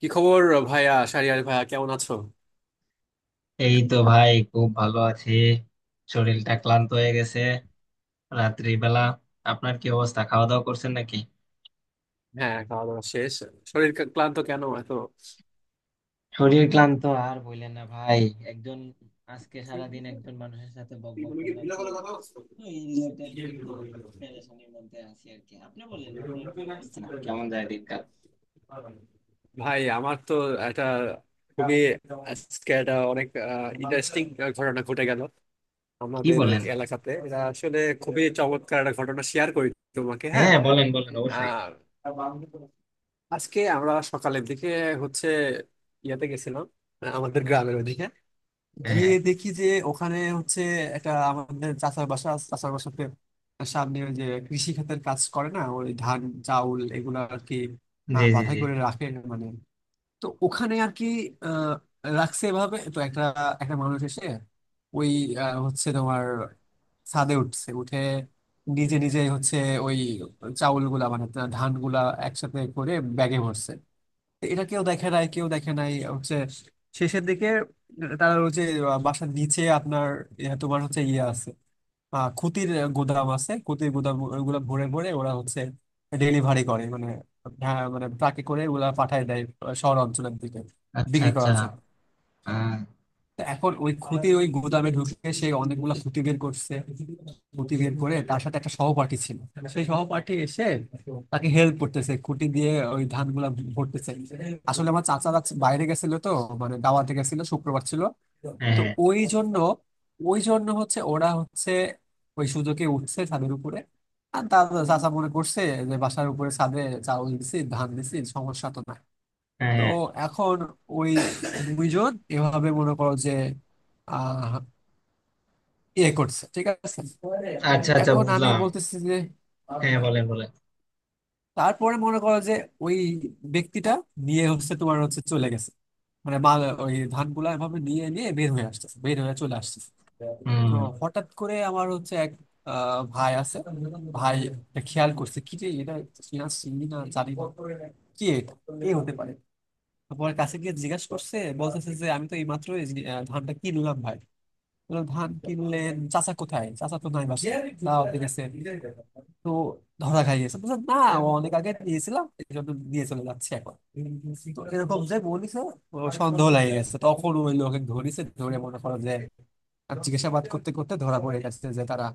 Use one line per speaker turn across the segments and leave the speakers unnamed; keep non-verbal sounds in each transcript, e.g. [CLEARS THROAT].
কি খবর?
এই তো ভাই, খুব ভালো আছি। শরীরটা ক্লান্ত হয়ে গেছে, রাত্রিবেলা। আপনার কি অবস্থা? খাওয়া দাওয়া করছেন নাকি?
হ্যাঁ, সরি।
শরীর ক্লান্ত, আর বললেন না ভাই। একজন আজকে সারাদিন একজন মানুষের সাথে বক বক করলাম তো, এই রিলেটেড একটু পেরেশানির মধ্যে আছি আর কি। আপনি বলেন, আপনার কি অবস্থা? কেমন যায় দিনকাল?
ভাই আমার তো একটা খুবই, আজকে একটা অনেক ইন্টারেস্টিং ঘটনা ঘটে গেল
কি
আমাদের
বলেন?
এলাকাতে। এটা আসলে খুবই চমৎকার একটা ঘটনা, শেয়ার করি তোমাকে। হ্যাঁ,
হ্যাঁ, বলেন বলেন, অবশ্যই।
আহ, আজকে আমরা সকালের দিকে হচ্ছে ইয়াতে গেছিলাম, আমাদের গ্রামের ওদিকে।
হ্যাঁ
গিয়ে
হ্যাঁ।
দেখি যে ওখানে একটা আমাদের চাচার বাসা আছে, চাচার বাসাতে সামনে ওই যে কৃষি খাতের কাজ করে না, ওই ধান, চাউল এগুলা আর কি,
জি জি
বাধাই
জি।
করে রাখে মানে। তো ওখানে আর কি রাখছে এভাবে। তো একটা একটা মানুষ এসে ওই তোমার ছাদে উঠছে, উঠে নিজে নিজে ওই চাউল গুলা মানে ধান গুলা একসাথে করে ব্যাগে ভরছে। তো এটা কেউ দেখে নাই, কেউ দেখে নাই। শেষের দিকে তারা ওই যে বাসার নিচে আপনার তোমার ইয়ে আছে, আহ, খুতির গুদাম আছে, খুতির গুদাম ওগুলা ভরে ভরে ওরা হচ্ছে ডেলিভারি করে মানে, ট্রাকে করে ওগুলা পাঠায় দেয় শহর অঞ্চলের দিকে
আচ্ছা
বিক্রি
আচ্ছা।
করার জন্য।
আহ,
তো এখন ওই খুতি ওই গুদামে ঢুকে সে অনেকগুলা খুঁতি বের করছে, খুঁতি বের করে। তার সাথে একটা সহপাঠী ছিল, সেই সহপাঠী এসে তাকে হেল্প করতেছে, খুঁটি দিয়ে ওই ধানগুলা ভরতেছে। আসলে আমার চাচারা বাইরে গেছিল তো, মানে দাওয়াতে গেছিল, শুক্রবার ছিল।
হ্যাঁ
তো
হ্যাঁ
ওই জন্য, ওই জন্য ওরা ওই সুযোগে উঠছে ছাদের উপরে। আর তার চাচা মনে করছে যে বাসার উপরে ছাদে চাউল দিছি, ধান দিছি, সমস্যা তো নাই।
হ্যাঁ
তো
হ্যাঁ।
এখন ওই দুইজন এভাবে মনে করো যে আহ ইয়ে করছে, ঠিক আছে?
আচ্ছা আচ্ছা,
এখন আমি
বুঝলাম।
বলতেছি যে
হ্যাঁ, বলেন বলেন।
তারপরে মনে করো যে ওই ব্যক্তিটা নিয়ে তোমার চলে গেছে মানে মাল, ওই ধানগুলা এভাবে নিয়ে নিয়ে বের হয়ে আসতেছে, বের হয়ে চলে আসতেছে। তো
হুম।
হঠাৎ করে আমার এক ভাই আছে, ভাই এটা খেয়াল করছে, কি রে এটা, চিনা চিনি না, জানি না কি এটা, এ হতে পারে। তারপর কাছে গিয়ে জিজ্ঞাসা করছে, বলতেছে যে আমি তো এইমাত্র এই মাত্র ধানটা কিনলাম ভাই। বললো, ধান কিনলেন? চাচা কোথায়? চাচা তো নাই বাসায়, দাওয়াতে গেছে। তো ধরা খাই গেছে, বলছে না, ও অনেক আগে দিয়েছিলাম এই জন্য নিয়ে চলে যাচ্ছে এখন। তো এরকম যে বলিছে, ও সন্দেহ লাগে গেছে, তখন ওই লোকে ধরিছে, ধরে মনে করো যে আর জিজ্ঞাসাবাদ করতে করতে ধরা পড়ে গেছে যে তারা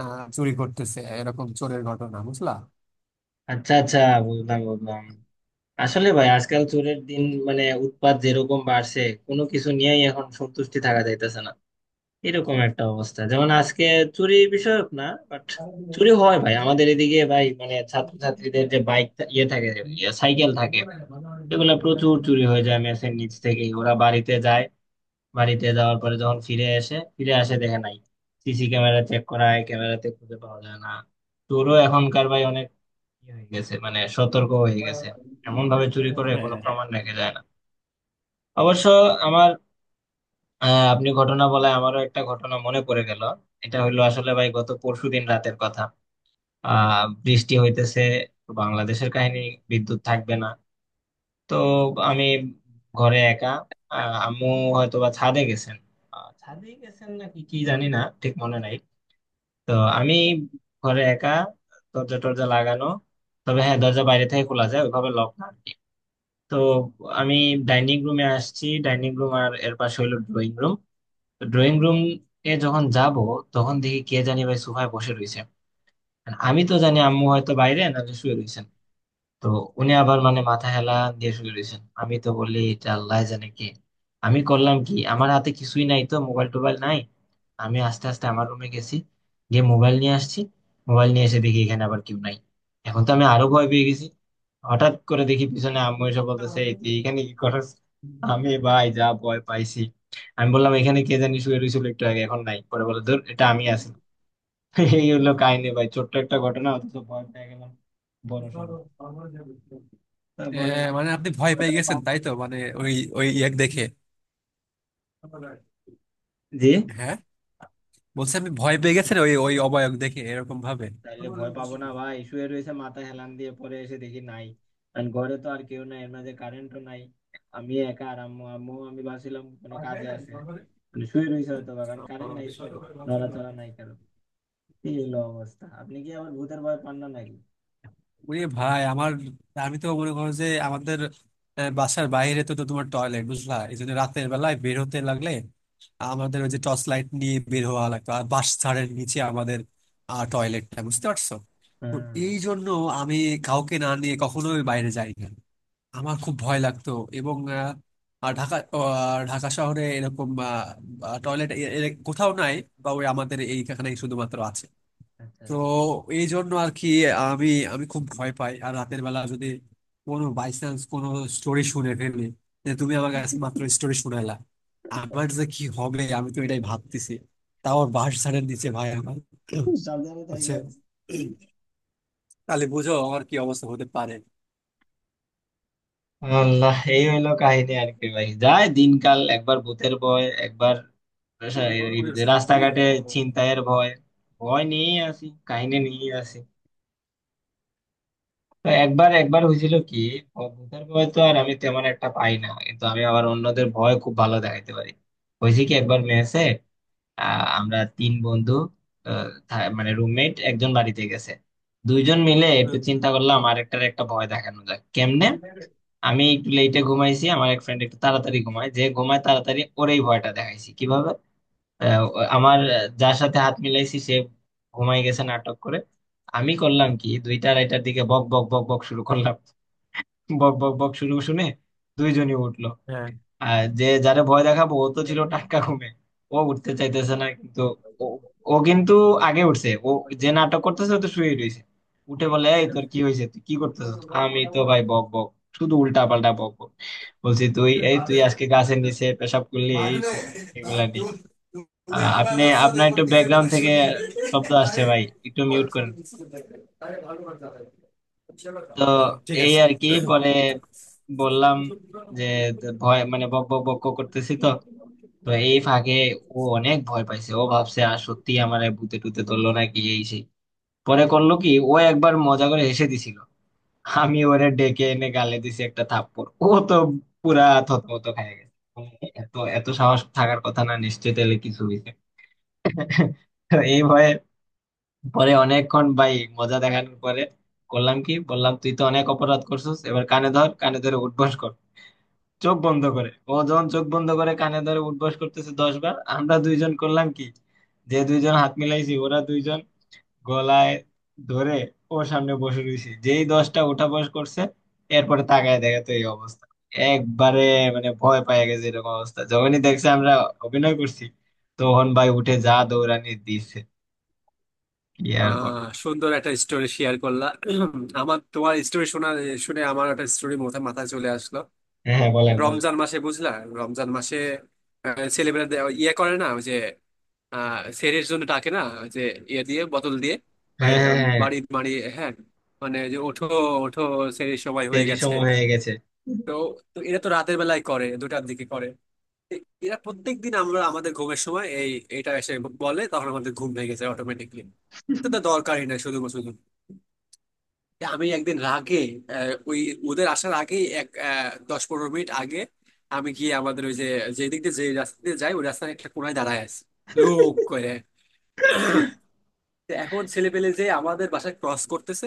আহ চুরি করতেছে। এরকম চোরের ঘটনা, বুঝলা?
আচ্ছা আচ্ছা, বুঝলাম বুঝলাম। আসলে ভাই, আজকাল চোরের দিন, মানে উৎপাত যেরকম বাড়ছে, কোনো কিছু নিয়েই এখন সন্তুষ্টি থাকা যাইতেছে না। এরকম একটা অবস্থা। যেমন আজকে চুরি বিষয়ক না, বাট চুরি হয় ভাই আমাদের এদিকে ভাই, মানে ছাত্রছাত্রীদের যে বাইক, ইয়ে থাকে, সাইকেল থাকে, এগুলো প্রচুর চুরি হয়ে যায়। মেসের নিচ থেকে ওরা বাড়িতে যায়, বাড়িতে যাওয়ার পরে যখন ফিরে আসে, দেখে নাই। সিসি ক্যামেরা চেক করায়, ক্যামেরাতে খুঁজে পাওয়া যায় না। চোরও এখনকার ভাই অনেক ইয়ে হয়ে গেছে, মানে সতর্ক হয়ে গেছে। এমন ভাবে চুরি করে কোনো প্রমাণ রেখে যায় না। অবশ্য আমার, আপনি ঘটনা বলায় আমারও একটা ঘটনা মনে পড়ে গেল। এটা হইলো আসলে ভাই গত পরশুদিন রাতের কথা। বৃষ্টি হইতেছে, তো বাংলাদেশের কাহিনী, বিদ্যুৎ থাকবে না। তো আমি ঘরে একা, আম্মু হয়তো বা ছাদে গেছেন, ছাদে গেছেন নাকি কি জানি না, ঠিক মনে নাই। তো আমি ঘরে একা, দরজা টরজা লাগানো, তবে হ্যাঁ, দরজা বাইরে থেকে খোলা যায়, ওইভাবে লক না। তো আমি ডাইনিং রুমে আসছি। ডাইনিং রুম আর এর পাশে হলো ড্রয়িং রুম। তো ড্রয়িং রুম এ যখন যাব, তখন দেখি কে জানি ভাই সোফায় বসে রয়েছে। আর আমি তো জানি আম্মু হয়তো বাইরে, নাহলে শুয়ে রয়েছেন। তো উনি আবার মানে মাথা হেলা দিয়ে শুয়ে রয়েছেন। আমি তো বলি এটা আল্লাহ জানে কে। আমি করলাম কি, আমার হাতে কিছুই নাই তো, মোবাইল টোবাইল নাই। আমি আস্তে আস্তে আমার রুমে গেছি, গিয়ে মোবাইল নিয়ে আসছি। মোবাইল নিয়ে এসে দেখি এখানে আবার কেউ নাই। এখন তো আমি আরো ভয় পেয়ে গেছি। হঠাৎ করে দেখি পিছনে আম্মু এসে বলতেছে, "এই, তুই এখানে কি করছ?" আমি ভাই যা ভয় পাইছি! আমি বললাম এখানে কে জানি শুয়ে রয়েছিল একটু আগে, এখন নাই। পরে বলে, ধর এটা আমি আছি। [LAUGHS] এই হলো কাহিনী ভাই, ছোট্ট একটা ঘটনা অথচ ভয় পেয়ে গেলাম বড় সড়ো। বলেন,
হ্যাঁ, মানে আপনি ভয়
ভয়
পেয়ে
টয়
গেছেন,
পাবো না।
তাই তো মানে ওই ওই ইয়াক দেখে।
জি।
হ্যাঁ, বলছি আপনি ভয় পেয়ে গেছেন ওই ওই অবায়ক দেখে এরকম ভাবে।
তাইলে ভয় পাবো না ভাই? শুয়ে রয়েছে মাথা হেলান দিয়ে, পরে এসে দেখি নাই। কারণ ঘরে তো আর কেউ নাই, এর মাঝে কারেন্টও নাই, আমি একা আর আম্মু। আমি ভাবছিলাম কোনো কাজে আছে, মানে শুয়ে রয়েছে হয়তো বা, কারণ কারেন্ট নাই তো, নড়াচড়া নাই কারো। এই হলো অবস্থা। আপনি কি আবার ভূতের ভয় পান না নাকি?
ওরে ভাই আমার, আমি তো মনে করো যে আমাদের বাসার বাইরে তো তো তোমার টয়লেট, বুঝলা? এই জন্য রাতের বেলায় বের হতে লাগলে আমাদের ওই যে টর্চ লাইট নিয়ে বের হওয়া লাগতো। আর বাস ছাড়ের নিচে আমাদের টয়লেটটা, বুঝতে পারছো? তো
হ্যাঁ।
এই জন্য আমি কাউকে না নিয়ে কখনোই বাইরে যাই না, আমার খুব ভয় লাগতো। এবং আর ঢাকা, আহ, ঢাকা শহরে এরকম টয়লেট কোথাও নাই, বা ওই আমাদের এইখানে শুধুমাত্র আছে।
আচ্ছা
তো
আচ্ছা।
এই জন্য আর কি, আমি আমি খুব ভয় পাই। আর রাতের বেলা যদি কোনো বাই চান্স কোনো স্টোরি শুনে ফেলি, যে তুমি আমার কাছে মাত্র স্টোরি শুনালা, আমার যে কি হবে আমি তো এটাই ভাবতেছি। তাও আর বাঁশ ঝাড়ের নিচে ভাই আমার
খুব সাবধানে
হচ্ছে
থাকেন।
তাহলে বুঝো আমার কি অবস্থা হতে পারে।
আল্লাহ, এই হইলো কাহিনী আর কি ভাই, যায় দিনকাল। একবার ভূতের ভয়, একবার রাস্তাঘাটে ছিনতাইয়ের ভয়। ভয় নিয়ে আসি, কাহিনী নিয়ে আসি। তো একবার একবার হয়েছিল কি, ভূতের ভয় তো আর আমি তেমন একটা পাই না, কিন্তু আমি আবার অন্যদের ভয় খুব ভালো দেখাইতে পারি। হয়েছে কি, একবার মেসে আমরা তিন বন্ধু, আহ, থা- মানে রুমমেট একজন বাড়িতে গেছে। দুইজন মিলে একটু
হুম।
চিন্তা করলাম আরেকটার একটা ভয় দেখানো যায় কেমনে। আমি একটু লেটে ঘুমাইছি, আমার এক ফ্রেন্ড একটু তাড়াতাড়ি ঘুমায়, যে ঘুমায় তাড়াতাড়ি ওরেই ভয়টা দেখাইছি। কিভাবে? আমার যার সাথে হাত মিলাইছি সে ঘুমাই গেছে নাটক করে। আমি করলাম কি, দুইটা আড়াইটার দিকে বক বক বক বক শুরু করলাম। বক বক বক শুরু শুনে দুইজনই উঠলো। আর যে যারে ভয় দেখাবো ও তো ছিল টাটকা ঘুমে, ও উঠতে চাইতেছে না, কিন্তু ও, ও কিন্তু আগে উঠছে ও। যে নাটক করতেছে ও তো শুয়ে রয়েছে। উঠে বলে, এই তোর কি হয়েছে, তুই কি করতেছিস? আমি
হ্যাঁ
তো ভাই বক বক, শুধু উল্টা পাল্টা বক বক। বলছি, তুই এই তুই আজকে গাছের নিচে পেশাব করলি, এই
मारने
সেই, এগুলা নিয়ে।
तू तुम्हें आगा
আপনি
दस से
আপনার
एक बार
একটু
तीसरे
ব্যাকগ্রাউন্ড
पता
থেকে
शूटिंग
শব্দ আসছে
अरे।
ভাই, একটু মিউট করেন। তো
ঠিক
এই
আছে।
আর কি, পরে বললাম যে ভয়, মানে বক বক বক বক করতেছি তো, তো এই ফাঁকে ও অনেক ভয় পাইছে। ও ভাবছে আর সত্যি আমার ভূতে টুতে ধরলো নাকি, এই সেই। পরে করলো কি, ও একবার মজা করে হেসে দিছিল। আমি ওরে ডেকে এনে গালে দিছি একটা থাপ্পড়। ও তো পুরা থতমত খেয়ে গেছে, মানে এত এত সাহস থাকার কথা না, নিশ্চয়ই তাহলে কিছু হইছে। তো এই ভয়ে, পরে অনেকক্ষণ ভাই মজা দেখানোর পরে করলাম কি, বললাম, তুই তো অনেক অপরাধ করছিস, এবার কানে ধর, কানে ধরে উঠবস কর, চোখ বন্ধ করে। ও যখন চোখ বন্ধ করে কানে ধরে উঠবস করতেছে 10 বার, আমরা দুইজন করলাম কি, যে দুইজন হাত মিলাইছি ওরা দুইজন গলায় ধরে ওর সামনে বসে রয়েছি। যেই দশটা ওঠা বস করছে, এরপরে তাকায় দেখে তো এই অবস্থা। একবারে মানে ভয় পায় গেছে এরকম অবস্থা। যখনই দেখছে আমরা অভিনয় করছি, তখন ভাই উঠে যা দৌড়ানি দিচ্ছে, কি আর বল!
সুন্দর একটা স্টোরি শেয়ার করলা। আমার তোমার স্টোরি শুনে আমার একটা স্টোরি মাথায় মাথায় চলে আসলো।
হ্যাঁ, হ্যাঁ বলেন বলেন।
রমজান মাসে, বুঝলা? রমজান মাসে ছেলেমেয়েরা ইয়ে করে না, ওই যে আহ সেরের জন্য ডাকে না, ওই যে ইয়ে দিয়ে, বোতল দিয়ে,
হ্যাঁ হ্যাঁ হ্যাঁ হ্যাঁ,
বাড়ি বাড়ি। হ্যাঁ, মানে যে ওঠো, ওঠো, সেরের সময় হয়ে
দেরি
গেছে।
সময় হয়ে গেছে।
তো তো এরা তো রাতের বেলায় করে দুটার দিকে করে, এরা প্রত্যেকদিন আমরা আমাদের ঘুমের সময় এটা এসে বলে, তখন আমাদের ঘুম ভেঙে যায় অটোমেটিকলি। তো তা দরকারই না, শুধু শুধু। হ্যাঁ, আমি একদিন রাগে ওই ওদের আসার আগেই এক 10-15 মিনিট আগে আমি গিয়ে আমাদের ওই যে, যেদিক দিয়ে যে রাস্তা দিয়ে যাই, ওই রাস্তার একটা কোনায় দাঁড়ায় আছি, লোক করে। তো এখন ছেলে পেলে যে আমাদের বাসায় ক্রস করতেছে,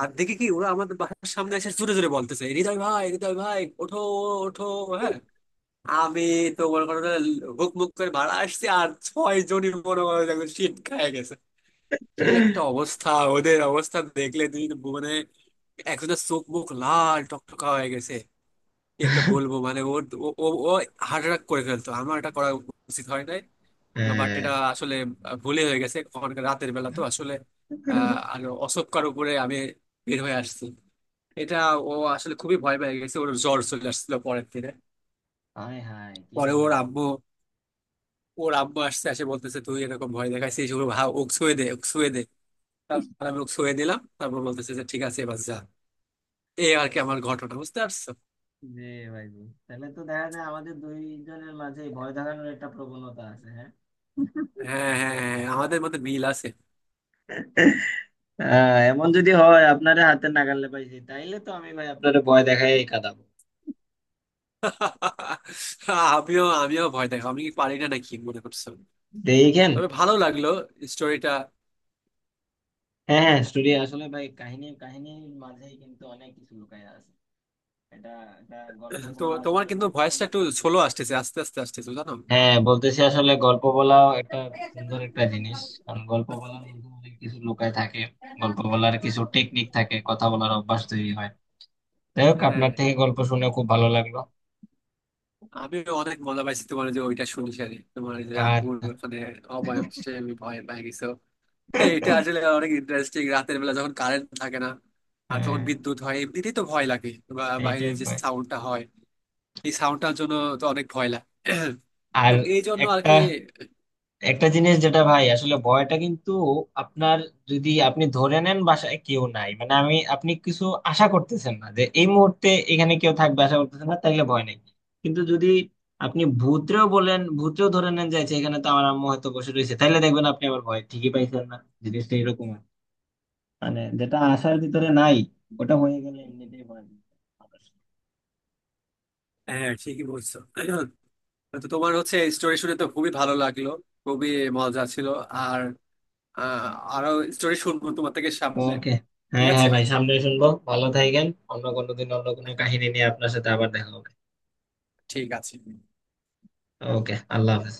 আর দেখে কি ওরা আমাদের বাসার সামনে এসে জোরে জোরে বলতেছে, হৃদয় ভাই, হৃদয় ভাই, ওঠো, ওঠো। হ্যাঁ, আমি তো মনে করো যে হুক মুক করে ভাড়া আসছি, আর ছয় জনই মনে করো যে একদম শীত খায় গেছে, কি একটা অবস্থা। ওদের অবস্থা দেখলে তুই তো মানে, একজনের চোখ মুখ লাল টকটকা হয়ে গেছে, কি একটা বলবো মানে, ওর ও ও ও হার্ট অ্যাটাক করে ফেলতো। আমার এটা করা উচিত হয় নাই, বাট
হ্যাঁ।
এটা আসলে ভুলে হয়ে গেছে। অনেক রাতের বেলা তো আসলে, আহ, আর অশোকার উপরে আমি বের হয়ে আসছি এটা। ও আসলে খুবই ভয় পেয়ে গেছে, ওর জ্বর চলে আসছিল পরের দিনে।
হায় হায়, কি
পরে ওর
বলেন!
আব্বু, ওর আব্বু আসছে, আসে বলতেছে তুই এরকম ভয় দেখাইছিস? ওর ভা ওক ছুঁয়ে দে, ওক ছুঁয়ে দে। তারপর আমি ওক ছুঁয়ে দিলাম, তারপর বলতেছে যে ঠিক আছে এবার যা। এই আর কি আমার ঘটনা, বুঝতে পারছো?
জি। ভাই জি। তাহলে তো দেখা যায় আমাদের দুইজনের মাঝে ভয় দেখানোর একটা প্রবণতা আছে, হ্যাঁ।
হ্যাঁ হ্যাঁ হ্যাঁ হ্যাঁ, আমাদের মধ্যে মিল আছে।
এমন যদি হয় আপনারে হাতে নাগালে পাইছি, তাইলে তো আমি ভাই আপনারে ভয় দেখাই কাঁদাবো।
[LAUGHS] আমিও আমিও ভয় দেখো, আমি কি পারি না নাকি মনে করছো?
দেখেন।
তবে ভালো লাগলো স্টোরিটা।
হ্যাঁ হ্যাঁ, স্টোরি আসলে ভাই, কাহিনী, কাহিনীর মাঝেই কিন্তু অনেক কিছু লুকায় আছে। এটা, এটা গল্প
[CLEARS THROAT] তো
বলা,
তোমার
আসলে
কিন্তু
গল্প
ভয়েসটা
বলার
একটু
একটা,
সোলো আসতেছে, আস্তে আস্তে আসতেছে, জানো?
হ্যাঁ বলতেছি, আসলে গল্প বলাও একটা সুন্দর একটা জিনিস। কারণ গল্প বলার মধ্যে অনেক কিছু লুকায় থাকে। গল্প বলার কিছু টেকনিক থাকে, কথা বলার অভ্যাস তৈরি হয়। যাই হোক,
হ্যাঁ,
আপনার থেকে গল্প শুনে খুব ভালো লাগলো।
আমি অনেক মজা পাইছি। তোমার যে ওইটা শুনিস আরে, তোমার যে
আর
আম্মুর মানে অবয়ব সে আমি ভয় পেয়ে গেছো এটা [LAUGHS] আসলে অনেক ইন্টারেস্টিং। রাতের বেলা যখন কারেন্ট থাকে না আর যখন
আহ,
বিদ্যুৎ হয়, এমনিতেই তো ভয় লাগে, বা
এইটাই
বাইরের যে
ভয়।
সাউন্ডটা হয়, এই সাউন্ডটার জন্য তো অনেক ভয় লাগে। তো
আর
এই জন্য আর
একটা,
কি।
জিনিস যেটা ভাই, আসলে ভয়টা কিন্তু আপনার, যদি আপনি ধরে নেন বাসায় কেউ নাই, মানে আপনি কিছু আশা করতেছেন না যে এই মুহূর্তে এখানে কেউ থাকবে, আশা করতেছেন না, তাইলে ভয় নেই। কিন্তু যদি আপনি ভূতরেও বলেন, ধরে নেন যাচ্ছে এখানে তো আমার আম্মু হয়তো বসে রয়েছে, তাইলে দেখবেন আপনি আবার ভয় ঠিকই পাইছেন না। জিনিসটা এরকম আর কি। মানে যেটা আশার ভিতরে নাই, ওটা হয়ে গেলে এমনিতেই ভয় লাগে।
হ্যাঁ, ঠিকই বলছো। তো তোমার স্টোরি শুনে তো খুবই ভালো লাগলো, খুবই মজা ছিল। আর, আহ, আরো স্টোরি শুনবো তোমার থেকে সামনে।
ওকে।
ঠিক
হ্যাঁ হ্যাঁ
আছে,
ভাই, সামনে শুনবো। ভালো থাকেন। অন্য কোনো দিন অন্য কোনো কাহিনী নিয়ে আপনার সাথে আবার দেখা হবে।
ঠিক আছে।
ওকে, আল্লাহ হাফেজ।